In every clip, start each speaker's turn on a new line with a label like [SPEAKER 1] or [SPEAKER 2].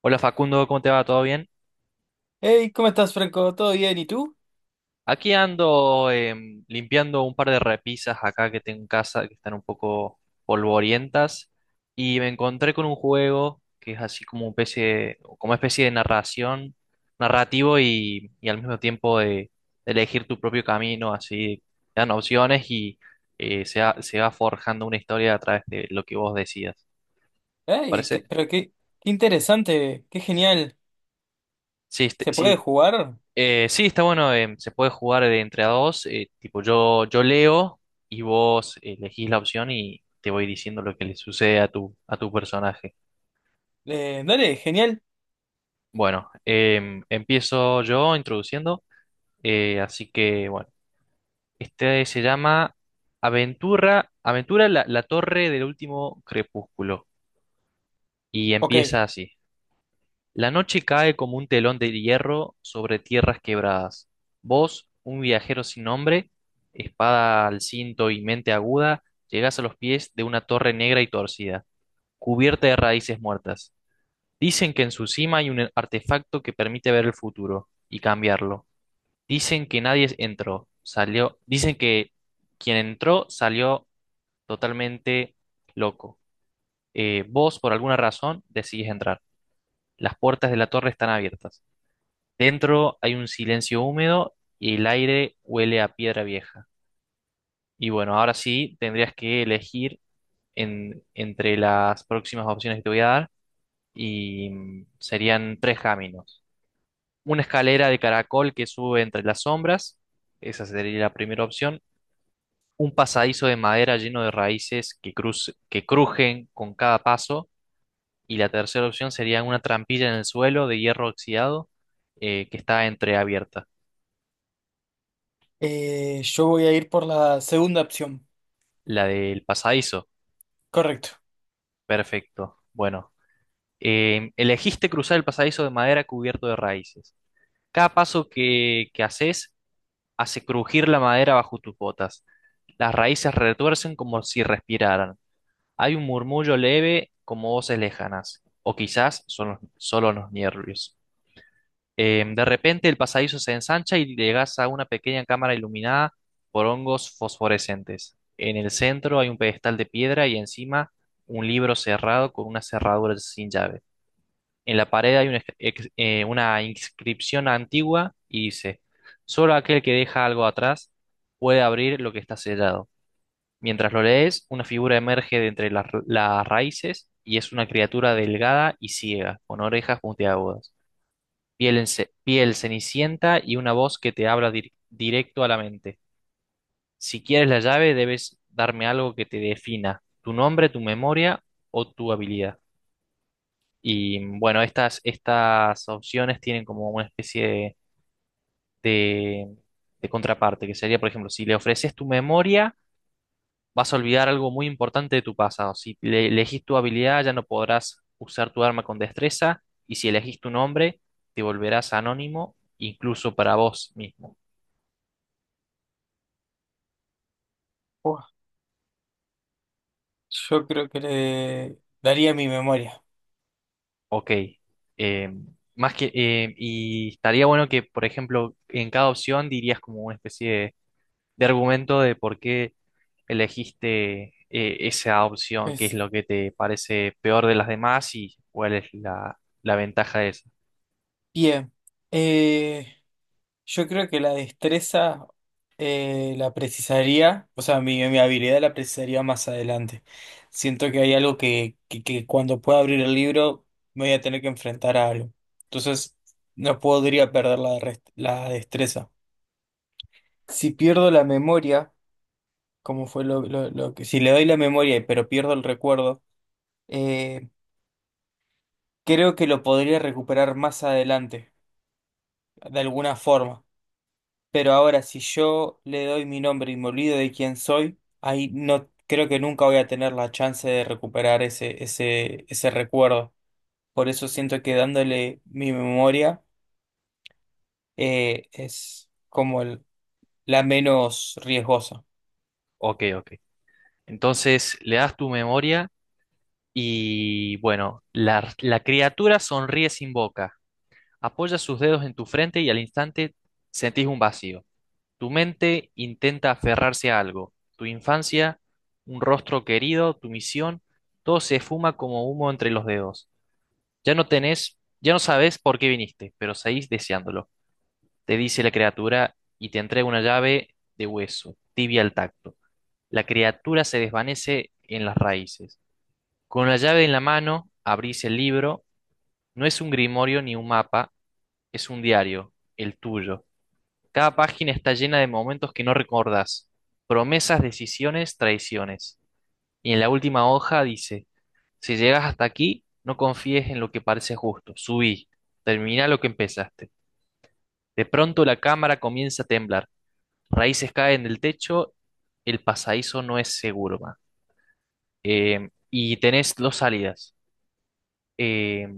[SPEAKER 1] Hola Facundo, ¿cómo te va? ¿Todo bien?
[SPEAKER 2] Hey, ¿cómo estás, Franco? ¿Todo bien? ¿Y tú?
[SPEAKER 1] Aquí ando limpiando un par de repisas acá que tengo en casa que están un poco polvorientas y me encontré con un juego que es así como una especie de, como especie de narración, narrativo y al mismo tiempo de elegir tu propio camino, así te dan opciones y se va forjando una historia a través de lo que vos decidas. ¿Te
[SPEAKER 2] Ay,
[SPEAKER 1] parece?
[SPEAKER 2] qué interesante, qué genial.
[SPEAKER 1] Sí,
[SPEAKER 2] ¿Se puede
[SPEAKER 1] sí.
[SPEAKER 2] jugar?
[SPEAKER 1] Sí, está bueno, se puede jugar de entre a dos, tipo yo leo y vos elegís la opción y te voy diciendo lo que le sucede a tu personaje.
[SPEAKER 2] Dale, genial.
[SPEAKER 1] Bueno, empiezo yo introduciendo, así que bueno, este se llama Aventura, Aventura la Torre del Último Crepúsculo y
[SPEAKER 2] Ok,
[SPEAKER 1] empieza así. La noche cae como un telón de hierro sobre tierras quebradas. Vos, un viajero sin nombre, espada al cinto y mente aguda, llegás a los pies de una torre negra y torcida, cubierta de raíces muertas. Dicen que en su cima hay un artefacto que permite ver el futuro y cambiarlo. Dicen que nadie entró, salió, dicen que quien entró salió totalmente loco. Vos, por alguna razón, decidís entrar. Las puertas de la torre están abiertas. Dentro hay un silencio húmedo y el aire huele a piedra vieja. Y bueno, ahora sí tendrías que elegir entre las próximas opciones que te voy a dar y serían tres caminos. Una escalera de caracol que sube entre las sombras, esa sería la primera opción. Un pasadizo de madera lleno de raíces que crujen con cada paso. Y la tercera opción sería una trampilla en el suelo de hierro oxidado, que está entreabierta,
[SPEAKER 2] yo voy a ir por la segunda opción.
[SPEAKER 1] la del pasadizo.
[SPEAKER 2] Correcto.
[SPEAKER 1] Perfecto. Bueno, elegiste cruzar el pasadizo de madera cubierto de raíces. Cada paso que haces hace crujir la madera bajo tus botas. Las raíces retuercen como si respiraran. Hay un murmullo leve como voces lejanas, o quizás son solo los nervios. De repente el pasadizo se ensancha y llegas a una pequeña cámara iluminada por hongos fosforescentes. En el centro hay un pedestal de piedra y encima un libro cerrado con una cerradura sin llave. En la pared hay una inscripción antigua y dice, solo aquel que deja algo atrás puede abrir lo que está sellado. Mientras lo lees, una figura emerge de entre las raíces y es una criatura delgada y ciega, con orejas puntiagudas, piel cenicienta y una voz que te habla directo a la mente. Si quieres la llave, debes darme algo que te defina, tu nombre, tu memoria o tu habilidad. Y bueno, estas opciones tienen como una especie de, de- de contraparte, que sería, por ejemplo, si le ofreces tu memoria, vas a olvidar algo muy importante de tu pasado. Si le elegís tu habilidad, ya no podrás usar tu arma con destreza, y si elegís tu nombre, te volverás anónimo, incluso para vos mismo.
[SPEAKER 2] Buah, yo creo que le daría mi memoria.
[SPEAKER 1] Ok. Eh, más que, y estaría bueno que, por ejemplo, en cada opción dirías como una especie de argumento de por qué elegiste, esa opción, qué es
[SPEAKER 2] Eso.
[SPEAKER 1] lo que te parece peor de las demás y cuál es la ventaja de esa.
[SPEAKER 2] Bien. Eh, Yo creo que la destreza la precisaría, o sea, mi habilidad la precisaría más adelante. Siento que hay algo que cuando pueda abrir el libro me voy a tener que enfrentar a algo. Entonces, no podría perder la destreza. Si pierdo la memoria, como fue lo que… Si le doy la memoria, pero pierdo el recuerdo, eh, creo que lo podría recuperar más adelante, de alguna forma. Pero ahora, si yo le doy mi nombre y me olvido de quién soy, ahí no creo que nunca voy a tener la chance de recuperar ese recuerdo. Por eso siento que dándole mi memoria es como la menos riesgosa.
[SPEAKER 1] Ok, ok. Entonces le das tu memoria y bueno, la criatura sonríe sin boca, apoya sus dedos en tu frente y al instante sentís un vacío. Tu mente intenta aferrarse a algo, tu infancia, un rostro querido, tu misión, todo se esfuma como humo entre los dedos. Ya no tenés, ya no sabes por qué viniste, pero seguís deseándolo. Te dice la criatura y te entrega una llave de hueso, tibia al tacto. La criatura se desvanece en las raíces. Con la llave en la mano, abrís el libro. No es un grimorio ni un mapa, es un diario, el tuyo. Cada página está llena de momentos que no recordás, promesas, decisiones, traiciones. Y en la última hoja dice, si llegas hasta aquí, no confíes en lo que parece justo. Subí, termina lo que empezaste. De pronto la cámara comienza a temblar. Raíces caen del techo. El pasadizo no es seguro, ma. Y tenés dos salidas. Eh,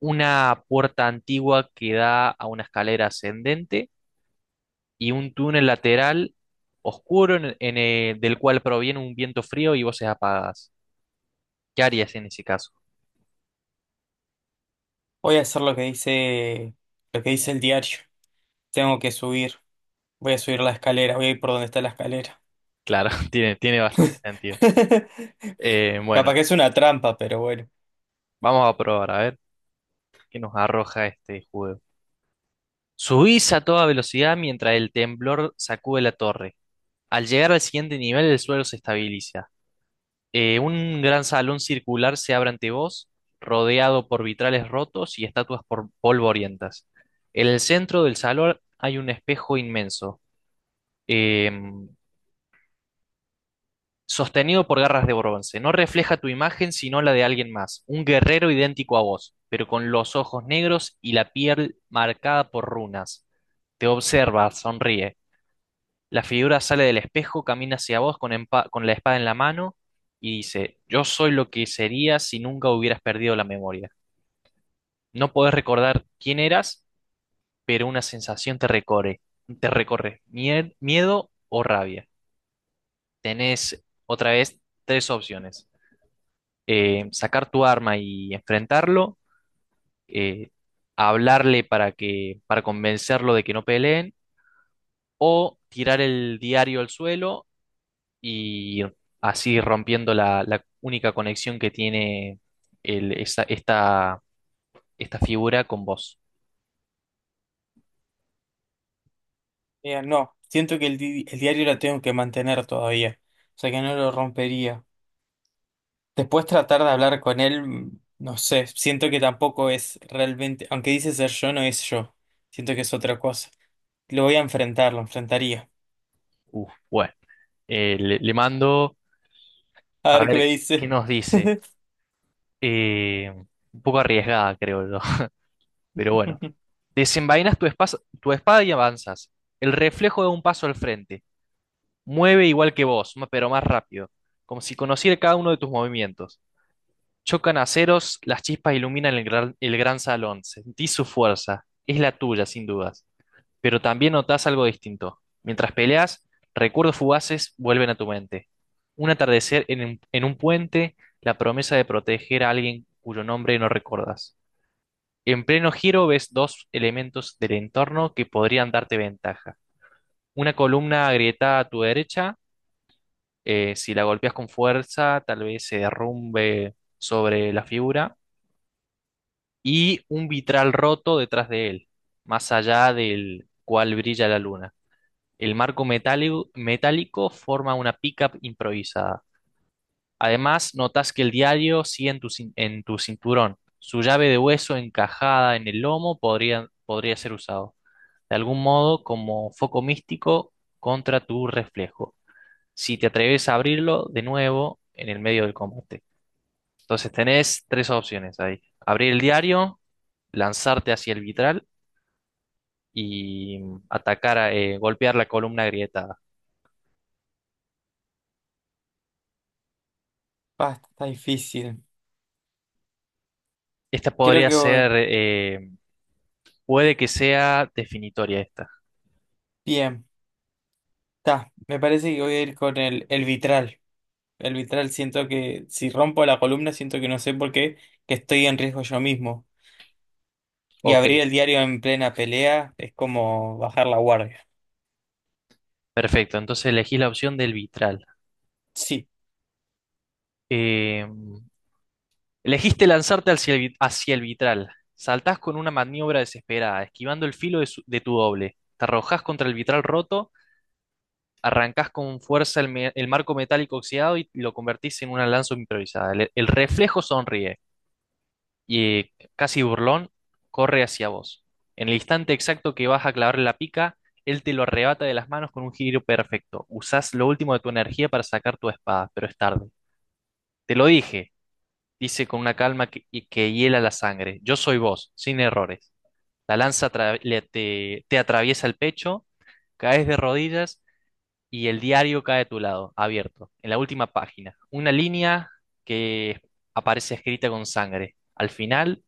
[SPEAKER 1] una puerta antigua que da a una escalera ascendente y un túnel lateral oscuro del cual proviene un viento frío y voces apagadas. ¿Qué harías en ese caso?
[SPEAKER 2] Voy a hacer lo que dice el diario. Tengo que subir. Voy a subir la escalera. Voy a ir por donde está la escalera.
[SPEAKER 1] Claro, tiene bastante sentido. Bueno,
[SPEAKER 2] Capaz que es una trampa, pero bueno.
[SPEAKER 1] vamos a probar a ver qué nos arroja este juego. Subís a toda velocidad mientras el temblor sacude la torre. Al llegar al siguiente nivel, el suelo se estabiliza. Un gran salón circular se abre ante vos, rodeado por vitrales rotos y estatuas por polvorientas. En el centro del salón hay un espejo inmenso, em, sostenido por garras de bronce. No refleja tu imagen, sino la de alguien más, un guerrero idéntico a vos, pero con los ojos negros y la piel marcada por runas. Te observa, sonríe. La figura sale del espejo, camina hacia vos con, con la espada en la mano y dice, yo soy lo que sería si nunca hubieras perdido la memoria. No podés recordar quién eras, pero una sensación te recorre, miedo o rabia. Tenés otra vez tres opciones. Sacar tu arma y enfrentarlo, eh, hablarle para convencerlo de que no peleen, o tirar el diario al suelo y así rompiendo la única conexión que tiene esta, esta figura con vos.
[SPEAKER 2] Mira, no, siento que el diario lo tengo que mantener todavía, o sea que no lo rompería. Después tratar de hablar con él, mm, no sé, siento que tampoco es realmente, aunque dice ser yo, no es yo, siento que es otra cosa. Lo voy a enfrentar, lo enfrentaría.
[SPEAKER 1] Uf, bueno, le mando
[SPEAKER 2] A
[SPEAKER 1] a
[SPEAKER 2] ver qué me
[SPEAKER 1] ver qué
[SPEAKER 2] dice.
[SPEAKER 1] nos dice. Eh, un poco arriesgada, creo yo. Pero bueno, desenvainas tu espada y avanzas. El reflejo da un paso al frente. Mueve igual que vos, pero más rápido, como si conociera cada uno de tus movimientos. Chocan aceros, las chispas iluminan el gran salón. Sentís su fuerza. Es la tuya, sin dudas. Pero también notás algo distinto. Mientras peleas, recuerdos fugaces vuelven a tu mente. Un atardecer en, en un puente, la promesa de proteger a alguien cuyo nombre no recordas. En pleno giro ves dos elementos del entorno que podrían darte ventaja. Una columna agrietada a tu derecha, si la golpeas con fuerza, tal vez se derrumbe sobre la figura y un vitral roto detrás de él, más allá del cual brilla la luna. El marco metálico, metálico forma una pickup improvisada. Además, notas que el diario sigue en en tu cinturón. Su llave de hueso encajada en el lomo podría ser usado, de algún modo, como foco místico contra tu reflejo. Si te atreves a abrirlo de nuevo en el medio del combate. Entonces tenés tres opciones ahí. Abrir el diario, lanzarte hacia el vitral y atacar, golpear la columna agrietada.
[SPEAKER 2] Basta, está difícil.
[SPEAKER 1] Esta
[SPEAKER 2] Creo
[SPEAKER 1] podría
[SPEAKER 2] que voy-
[SPEAKER 1] ser, puede que sea definitoria esta.
[SPEAKER 2] bien, me parece que voy a ir con el vitral. El vitral siento que si rompo la columna, siento que no sé por qué, que estoy en riesgo yo mismo. Y
[SPEAKER 1] Ok,
[SPEAKER 2] abrir el diario en plena pelea es como bajar la guardia.
[SPEAKER 1] perfecto. Entonces elegí la opción del vitral.
[SPEAKER 2] Sí.
[SPEAKER 1] Eh, elegiste lanzarte hacia hacia el vitral. Saltás con una maniobra desesperada, esquivando el filo de, de tu doble. Te arrojás contra el vitral roto, arrancás con fuerza el marco metálico oxidado y lo convertís en una lanza improvisada. El reflejo sonríe. Y casi burlón, corre hacia vos. En el instante exacto que vas a clavarle la pica, él te lo arrebata de las manos con un giro perfecto. Usás lo último de tu energía para sacar tu espada, pero es tarde. Te lo dije, dice con una calma que hiela la sangre. Yo soy vos, sin errores. La lanza te atraviesa el pecho, caes de rodillas y el diario cae a tu lado, abierto, en la última página. Una línea que aparece escrita con sangre. Al final,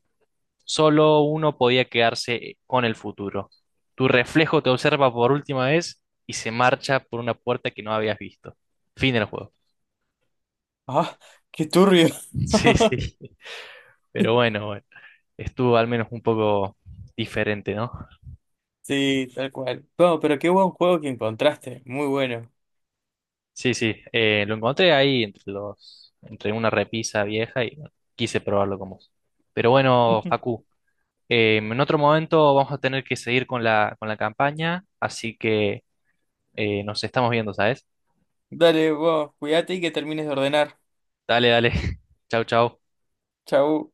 [SPEAKER 1] solo uno podía quedarse con el futuro. Tu reflejo te observa por última vez y se marcha por una puerta que no habías visto. Fin del juego.
[SPEAKER 2] Ah, qué turbio.
[SPEAKER 1] Sí, sí. Pero bueno, bueno. Estuvo al menos un poco diferente, ¿no?
[SPEAKER 2] Sí, tal cual. No, pero qué buen juego que encontraste. Muy bueno.
[SPEAKER 1] Sí, sí. Lo encontré ahí entre los, entre una repisa vieja y bueno, quise probarlo como. Pero bueno, Facu, en otro momento vamos a tener que seguir con con la campaña, así que nos estamos viendo, ¿sabes?
[SPEAKER 2] Dale, vos, cuídate y que termines de ordenar.
[SPEAKER 1] Dale, dale. Chau, chau.
[SPEAKER 2] Chau.